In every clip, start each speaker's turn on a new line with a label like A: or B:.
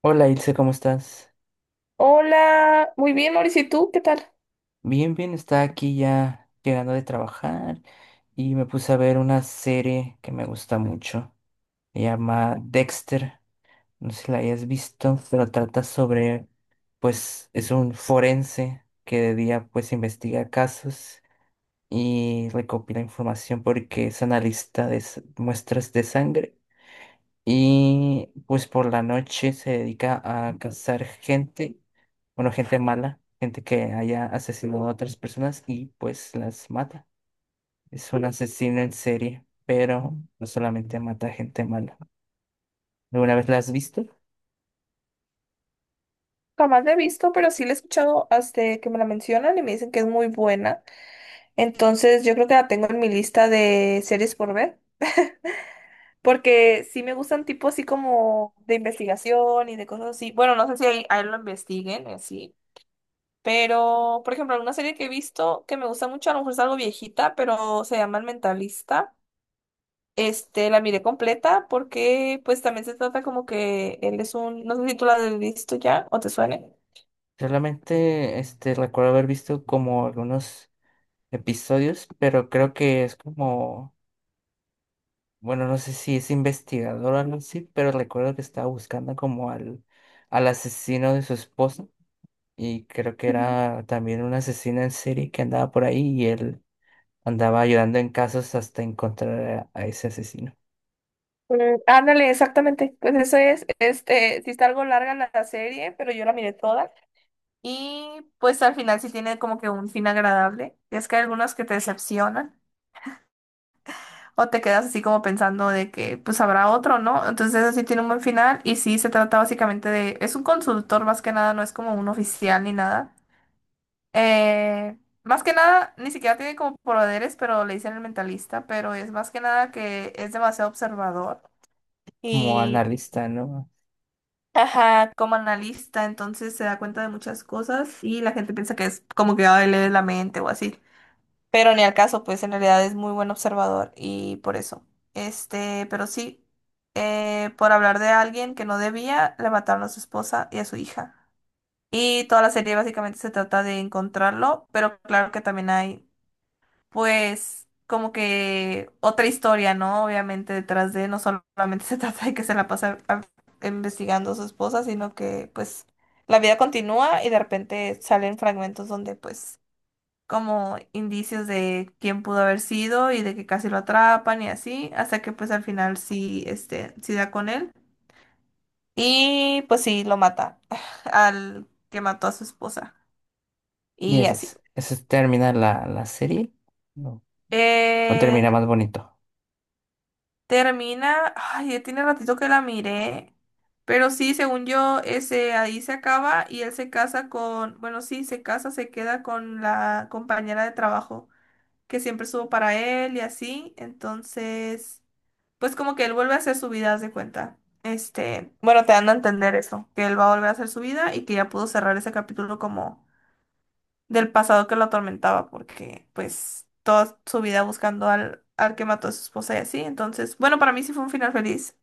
A: Hola Ilse, ¿cómo estás?
B: Hola, muy bien, Mauricio, ¿y tú qué tal?
A: Bien, bien, está aquí ya llegando de trabajar y me puse a ver una serie que me gusta mucho. Se llama Dexter, no sé si la hayas visto, pero trata sobre, pues es un forense que de día pues investiga casos y recopila información porque es analista de muestras de sangre. Y pues por la noche se dedica a cazar gente, bueno, gente mala, gente que haya asesinado a otras personas y pues las mata. Es un asesino en serie, pero no solamente mata gente mala. ¿Alguna vez la has visto?
B: Jamás la he visto, pero sí la he escuchado hasta que me la mencionan y me dicen que es muy buena. Entonces, yo creo que la tengo en mi lista de series por ver, porque sí me gustan tipo así como de investigación y de cosas así. Bueno, no sé si ahí lo investiguen, así. Pero, por ejemplo, una serie que he visto que me gusta mucho, a lo mejor es algo viejita, pero se llama El Mentalista. Este, la miré completa porque pues también se trata como que él es un, no sé si tú la has visto ya o te suene.
A: Solamente este, recuerdo haber visto como algunos episodios, pero creo que es como, bueno, no sé si es investigador o algo así, pero recuerdo que estaba buscando como al asesino de su esposa, y creo que
B: Ujú.
A: era también una asesina en serie que andaba por ahí y él andaba ayudando en casos hasta encontrar a ese asesino,
B: Mm, ándale, exactamente. Pues eso es, este, sí está algo larga la serie, pero yo la miré toda. Y pues al final sí tiene como que un fin agradable. Es que hay algunas que te decepcionan o te quedas así como pensando de que pues habrá otro, ¿no? Entonces así tiene un buen final y sí se trata básicamente de, es un consultor más que nada, no es como un oficial ni nada. Más que nada, ni siquiera tiene como poderes, pero le dicen el mentalista, pero es más que nada que es demasiado observador
A: como
B: y,
A: analista, ¿no?
B: ajá, como analista, entonces se da cuenta de muchas cosas y la gente piensa que es como que ay, lee la mente o así, pero ni al caso, pues en realidad es muy buen observador y por eso. Este, pero sí, por hablar de alguien que no debía, le mataron a su esposa y a su hija. Y toda la serie básicamente se trata de encontrarlo, pero claro que también hay pues como que otra historia, ¿no? Obviamente detrás de, no solamente se trata de que se la pasa a- investigando a su esposa, sino que pues la vida continúa y de repente salen fragmentos donde pues como indicios de quién pudo haber sido y de que casi lo atrapan y así, hasta que pues al final sí, este, sí da con él y pues sí lo mata al que mató a su esposa
A: Y
B: y
A: eso
B: así.
A: es, termina la serie, ¿no? O termina
B: Eh,
A: más bonito.
B: Termina, ay, ya tiene ratito que la miré, pero sí, según yo, ese ahí se acaba y él se casa con, bueno, sí, se casa, se queda con la compañera de trabajo que siempre estuvo para él y así, entonces, pues como que él vuelve a hacer su vida, haz de cuenta. Este, bueno, te dan a entender eso, que él va a volver a hacer su vida y que ya pudo cerrar ese capítulo como del pasado que lo atormentaba, porque pues toda su vida buscando al que mató a su esposa y así. Entonces, bueno, para mí sí fue un final feliz,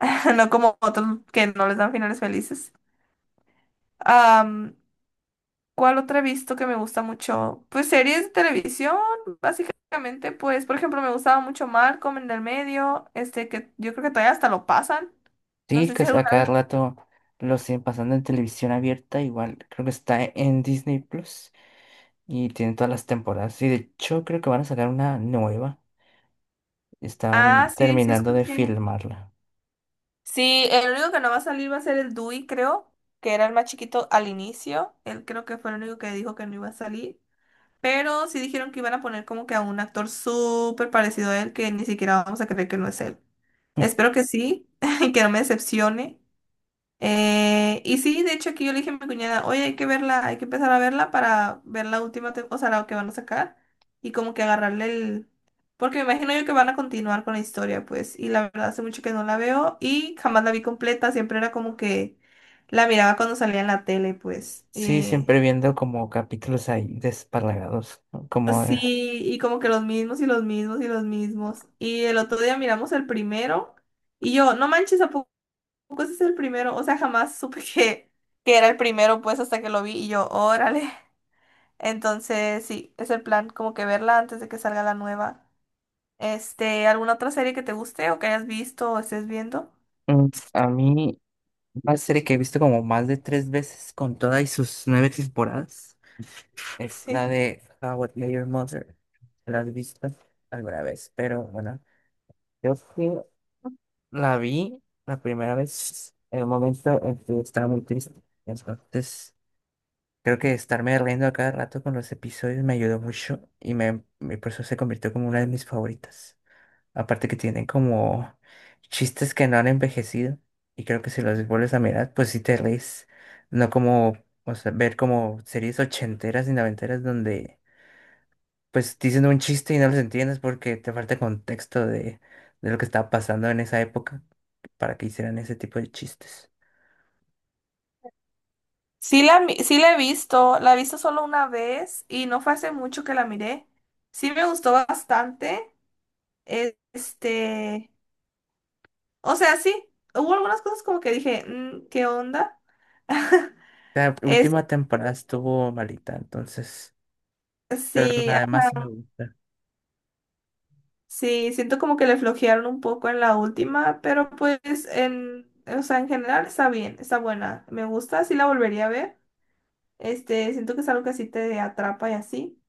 B: no como otros que no les dan finales felices. Am, ¿Cuál otra he visto que me gusta mucho? Pues series de televisión, básicamente, pues, por ejemplo, me gustaba mucho Malcolm en el Medio, este que yo creo que todavía hasta lo pasan. No
A: Sí,
B: sé
A: que
B: si
A: a
B: alguna
A: cada
B: vez.
A: rato lo siguen pasando en televisión abierta, igual creo que está en Disney Plus y tiene todas las temporadas. Y de hecho creo que van a sacar una nueva. Están
B: Ah, sí, sí
A: terminando de
B: escuché.
A: filmarla.
B: Sí, el único que no va a salir va a ser el Dewey, creo, que era el más chiquito al inicio. Él creo que fue el único que dijo que no iba a salir. Pero sí dijeron que iban a poner como que a un actor súper parecido a él, que ni siquiera vamos a creer que no es él. Espero que sí, que no me decepcione. Y sí, de hecho aquí yo le dije a mi cuñada, oye, hay que verla, hay que empezar a verla para ver la última, o sea, la que van a sacar y como que agarrarle el... Porque me imagino yo que van a continuar con la historia, pues, y la verdad hace mucho que no la veo y jamás la vi completa, siempre era como que la miraba cuando salía en la tele, pues.
A: Sí, siempre viendo como capítulos ahí desparlagados, ¿no?
B: Sí, y como que los mismos y los mismos y los mismos. Y el otro día miramos el primero y yo, no manches, tampoco ese es el primero, o sea, jamás supe que era el primero, pues hasta que lo vi y yo, órale. Entonces, sí, es el plan, como que verla antes de que salga la nueva. Este, ¿alguna otra serie que te guste o que hayas visto o estés viendo?
A: Mm, a mí una serie que he visto como más de 3 veces con todas y sus 9 temporadas es la
B: Sí.
A: de How I Met Your Mother. ¿La has visto alguna vez? Pero bueno, yo sí la vi la primera vez en un momento en que estaba muy triste. Entonces, creo que estarme riendo a cada rato con los episodios me ayudó mucho y por eso se convirtió como una de mis favoritas. Aparte que tienen como chistes que no han envejecido. Y creo que si los vuelves a mirar, pues sí te reís. No como, o sea, ver como series ochenteras y noventeras donde pues dicen un chiste y no los entiendes porque te falta contexto de lo que estaba pasando en esa época para que hicieran ese tipo de chistes.
B: Sí la he visto solo una vez y no fue hace mucho que la miré. Sí me gustó bastante. Este, o sea, sí, hubo algunas cosas como que dije, "Mm, ¿qué onda?"
A: La
B: Es,
A: última temporada estuvo malita, entonces, pero
B: sí,
A: además sí me gusta.
B: sí, siento como que le flojearon un poco en la última, pero pues en, o sea, en general está bien, está buena. Me gusta, sí la volvería a ver. Este, siento que es algo que sí te atrapa y así.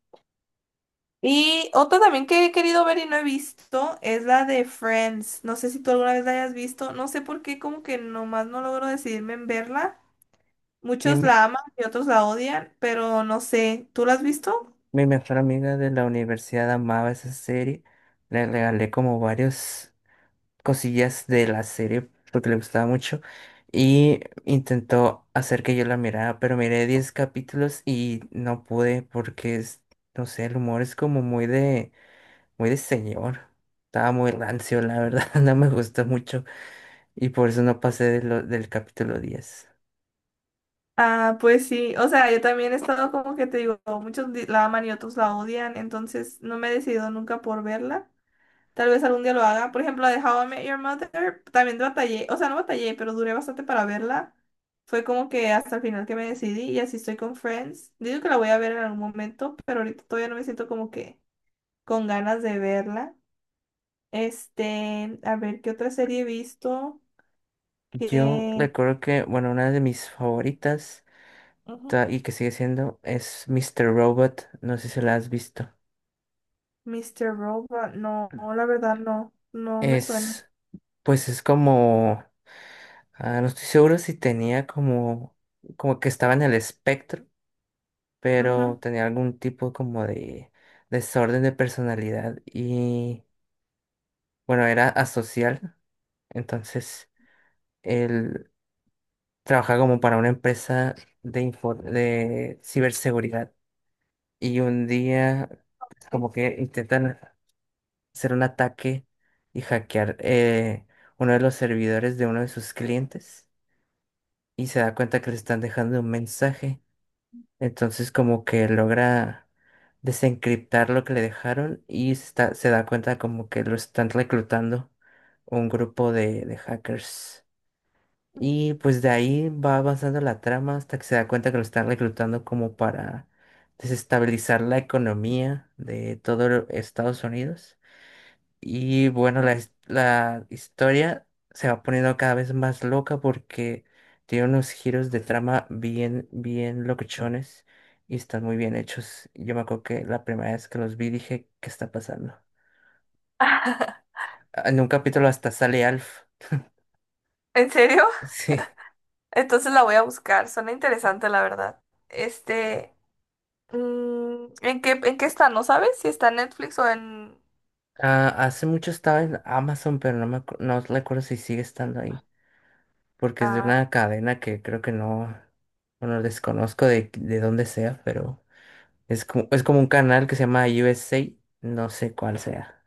B: Y otra también que he querido ver y no he visto es la de Friends. No sé si tú alguna vez la hayas visto. No sé por qué, como que nomás no logro decidirme en verla.
A: Sí,
B: Muchos la aman y otros la odian, pero no sé. ¿Tú la has visto?
A: mi mejor amiga de la universidad amaba esa serie. Le regalé como varios cosillas de la serie porque le gustaba mucho y intentó hacer que yo la mirara, pero miré 10 capítulos y no pude porque es, no sé, el humor es como muy de señor. Estaba muy rancio, la verdad, no me gustó mucho y por eso no pasé de del capítulo 10.
B: Ah, pues sí, o sea, yo también he estado como que te digo, muchos la aman y otros la odian, entonces no me he decidido nunca por verla. Tal vez algún día lo haga. Por ejemplo, la de How I Met Your Mother, también batallé, o sea, no batallé, pero duré bastante para verla. Fue como que hasta el final que me decidí y así estoy con Friends. Digo que la voy a ver en algún momento, pero ahorita todavía no me siento como que con ganas de verla. Este, a ver, ¿qué otra serie he visto?
A: Yo
B: Que...
A: recuerdo que, bueno, una de mis favoritas y que sigue siendo es Mr. Robot, no sé si la has visto.
B: Mr. Robot, no, la verdad no, no me suena.
A: Es, pues es como. Ah, no estoy seguro si tenía como, como que estaba en el espectro,
B: Ujú.
A: pero tenía algún tipo como de desorden de personalidad y bueno, era asocial. Entonces, él trabajaba como para una empresa de ciberseguridad y un día pues,
B: Sí.
A: como que intentan hacer un ataque y hackear uno de los servidores de uno de sus clientes y se da cuenta que le están dejando un mensaje. Entonces como que logra desencriptar lo que le dejaron y se da cuenta como que lo están reclutando un grupo de hackers. Y pues de ahí va avanzando la trama hasta que se da cuenta que lo están reclutando como para desestabilizar la economía de todo Estados Unidos. Y bueno, la historia se va poniendo cada vez más loca porque tiene unos giros de trama bien locochones y están muy bien hechos. Yo me acuerdo que la primera vez que los vi dije, ¿qué está pasando? Ah, en un capítulo hasta sale Alf.
B: ¿En serio?
A: Sí.
B: Entonces la voy a buscar. Suena interesante, la verdad. Este, mm, en qué está? ¿No sabes si está en Netflix o en...
A: Ah, hace mucho estaba en Amazon, pero no me no recuerdo si sigue estando ahí. Porque es de
B: Ah,
A: una cadena que creo que no, bueno, desconozco de dónde sea, pero... es como un canal que se llama USA, no sé cuál sea.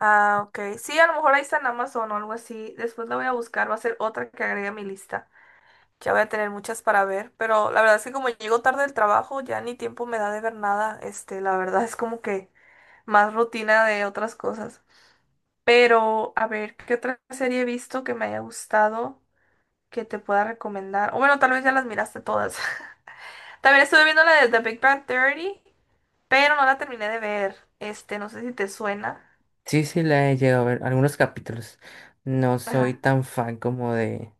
B: ah, ok. Sí, a lo mejor ahí está en Amazon o algo así. Después la voy a buscar. Va a ser otra que agregue a mi lista. Ya voy a tener muchas para ver. Pero la verdad es que como llego tarde del trabajo, ya ni tiempo me da de ver nada. Este, la verdad es como que más rutina de otras cosas. Pero, a ver, ¿qué otra serie he visto que me haya gustado que te pueda recomendar? O bueno, tal vez ya las miraste todas. También estuve viendo la de The Big Bang Theory, pero no la terminé de ver. Este, no sé si te suena.
A: Sí, sí, la he llegado a ver algunos capítulos. No soy
B: Ajá.
A: tan fan como de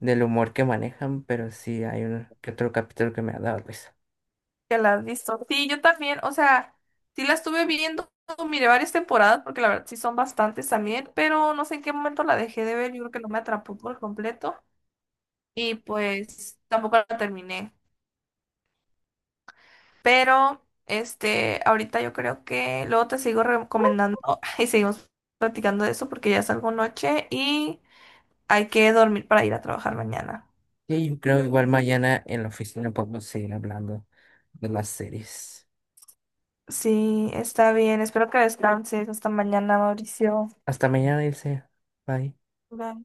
A: del humor que manejan, pero sí hay un que otro capítulo que me ha dado risa.
B: ¿Que la has visto? Sí, yo también. O sea, sí la estuve viendo, miré varias temporadas, porque la verdad sí son bastantes también, pero no sé en qué momento la dejé de ver. Yo creo que no me atrapó por completo. Y pues tampoco la terminé. Pero, este, ahorita yo creo que luego te sigo recomendando y seguimos platicando de eso porque ya salgo noche y hay que dormir para ir a trabajar mañana.
A: Y yo creo igual mañana en la oficina podemos seguir hablando de las series.
B: Sí, está bien. Espero que descanses. Hasta mañana, Mauricio.
A: Hasta mañana, Ilse. Bye.
B: Bye.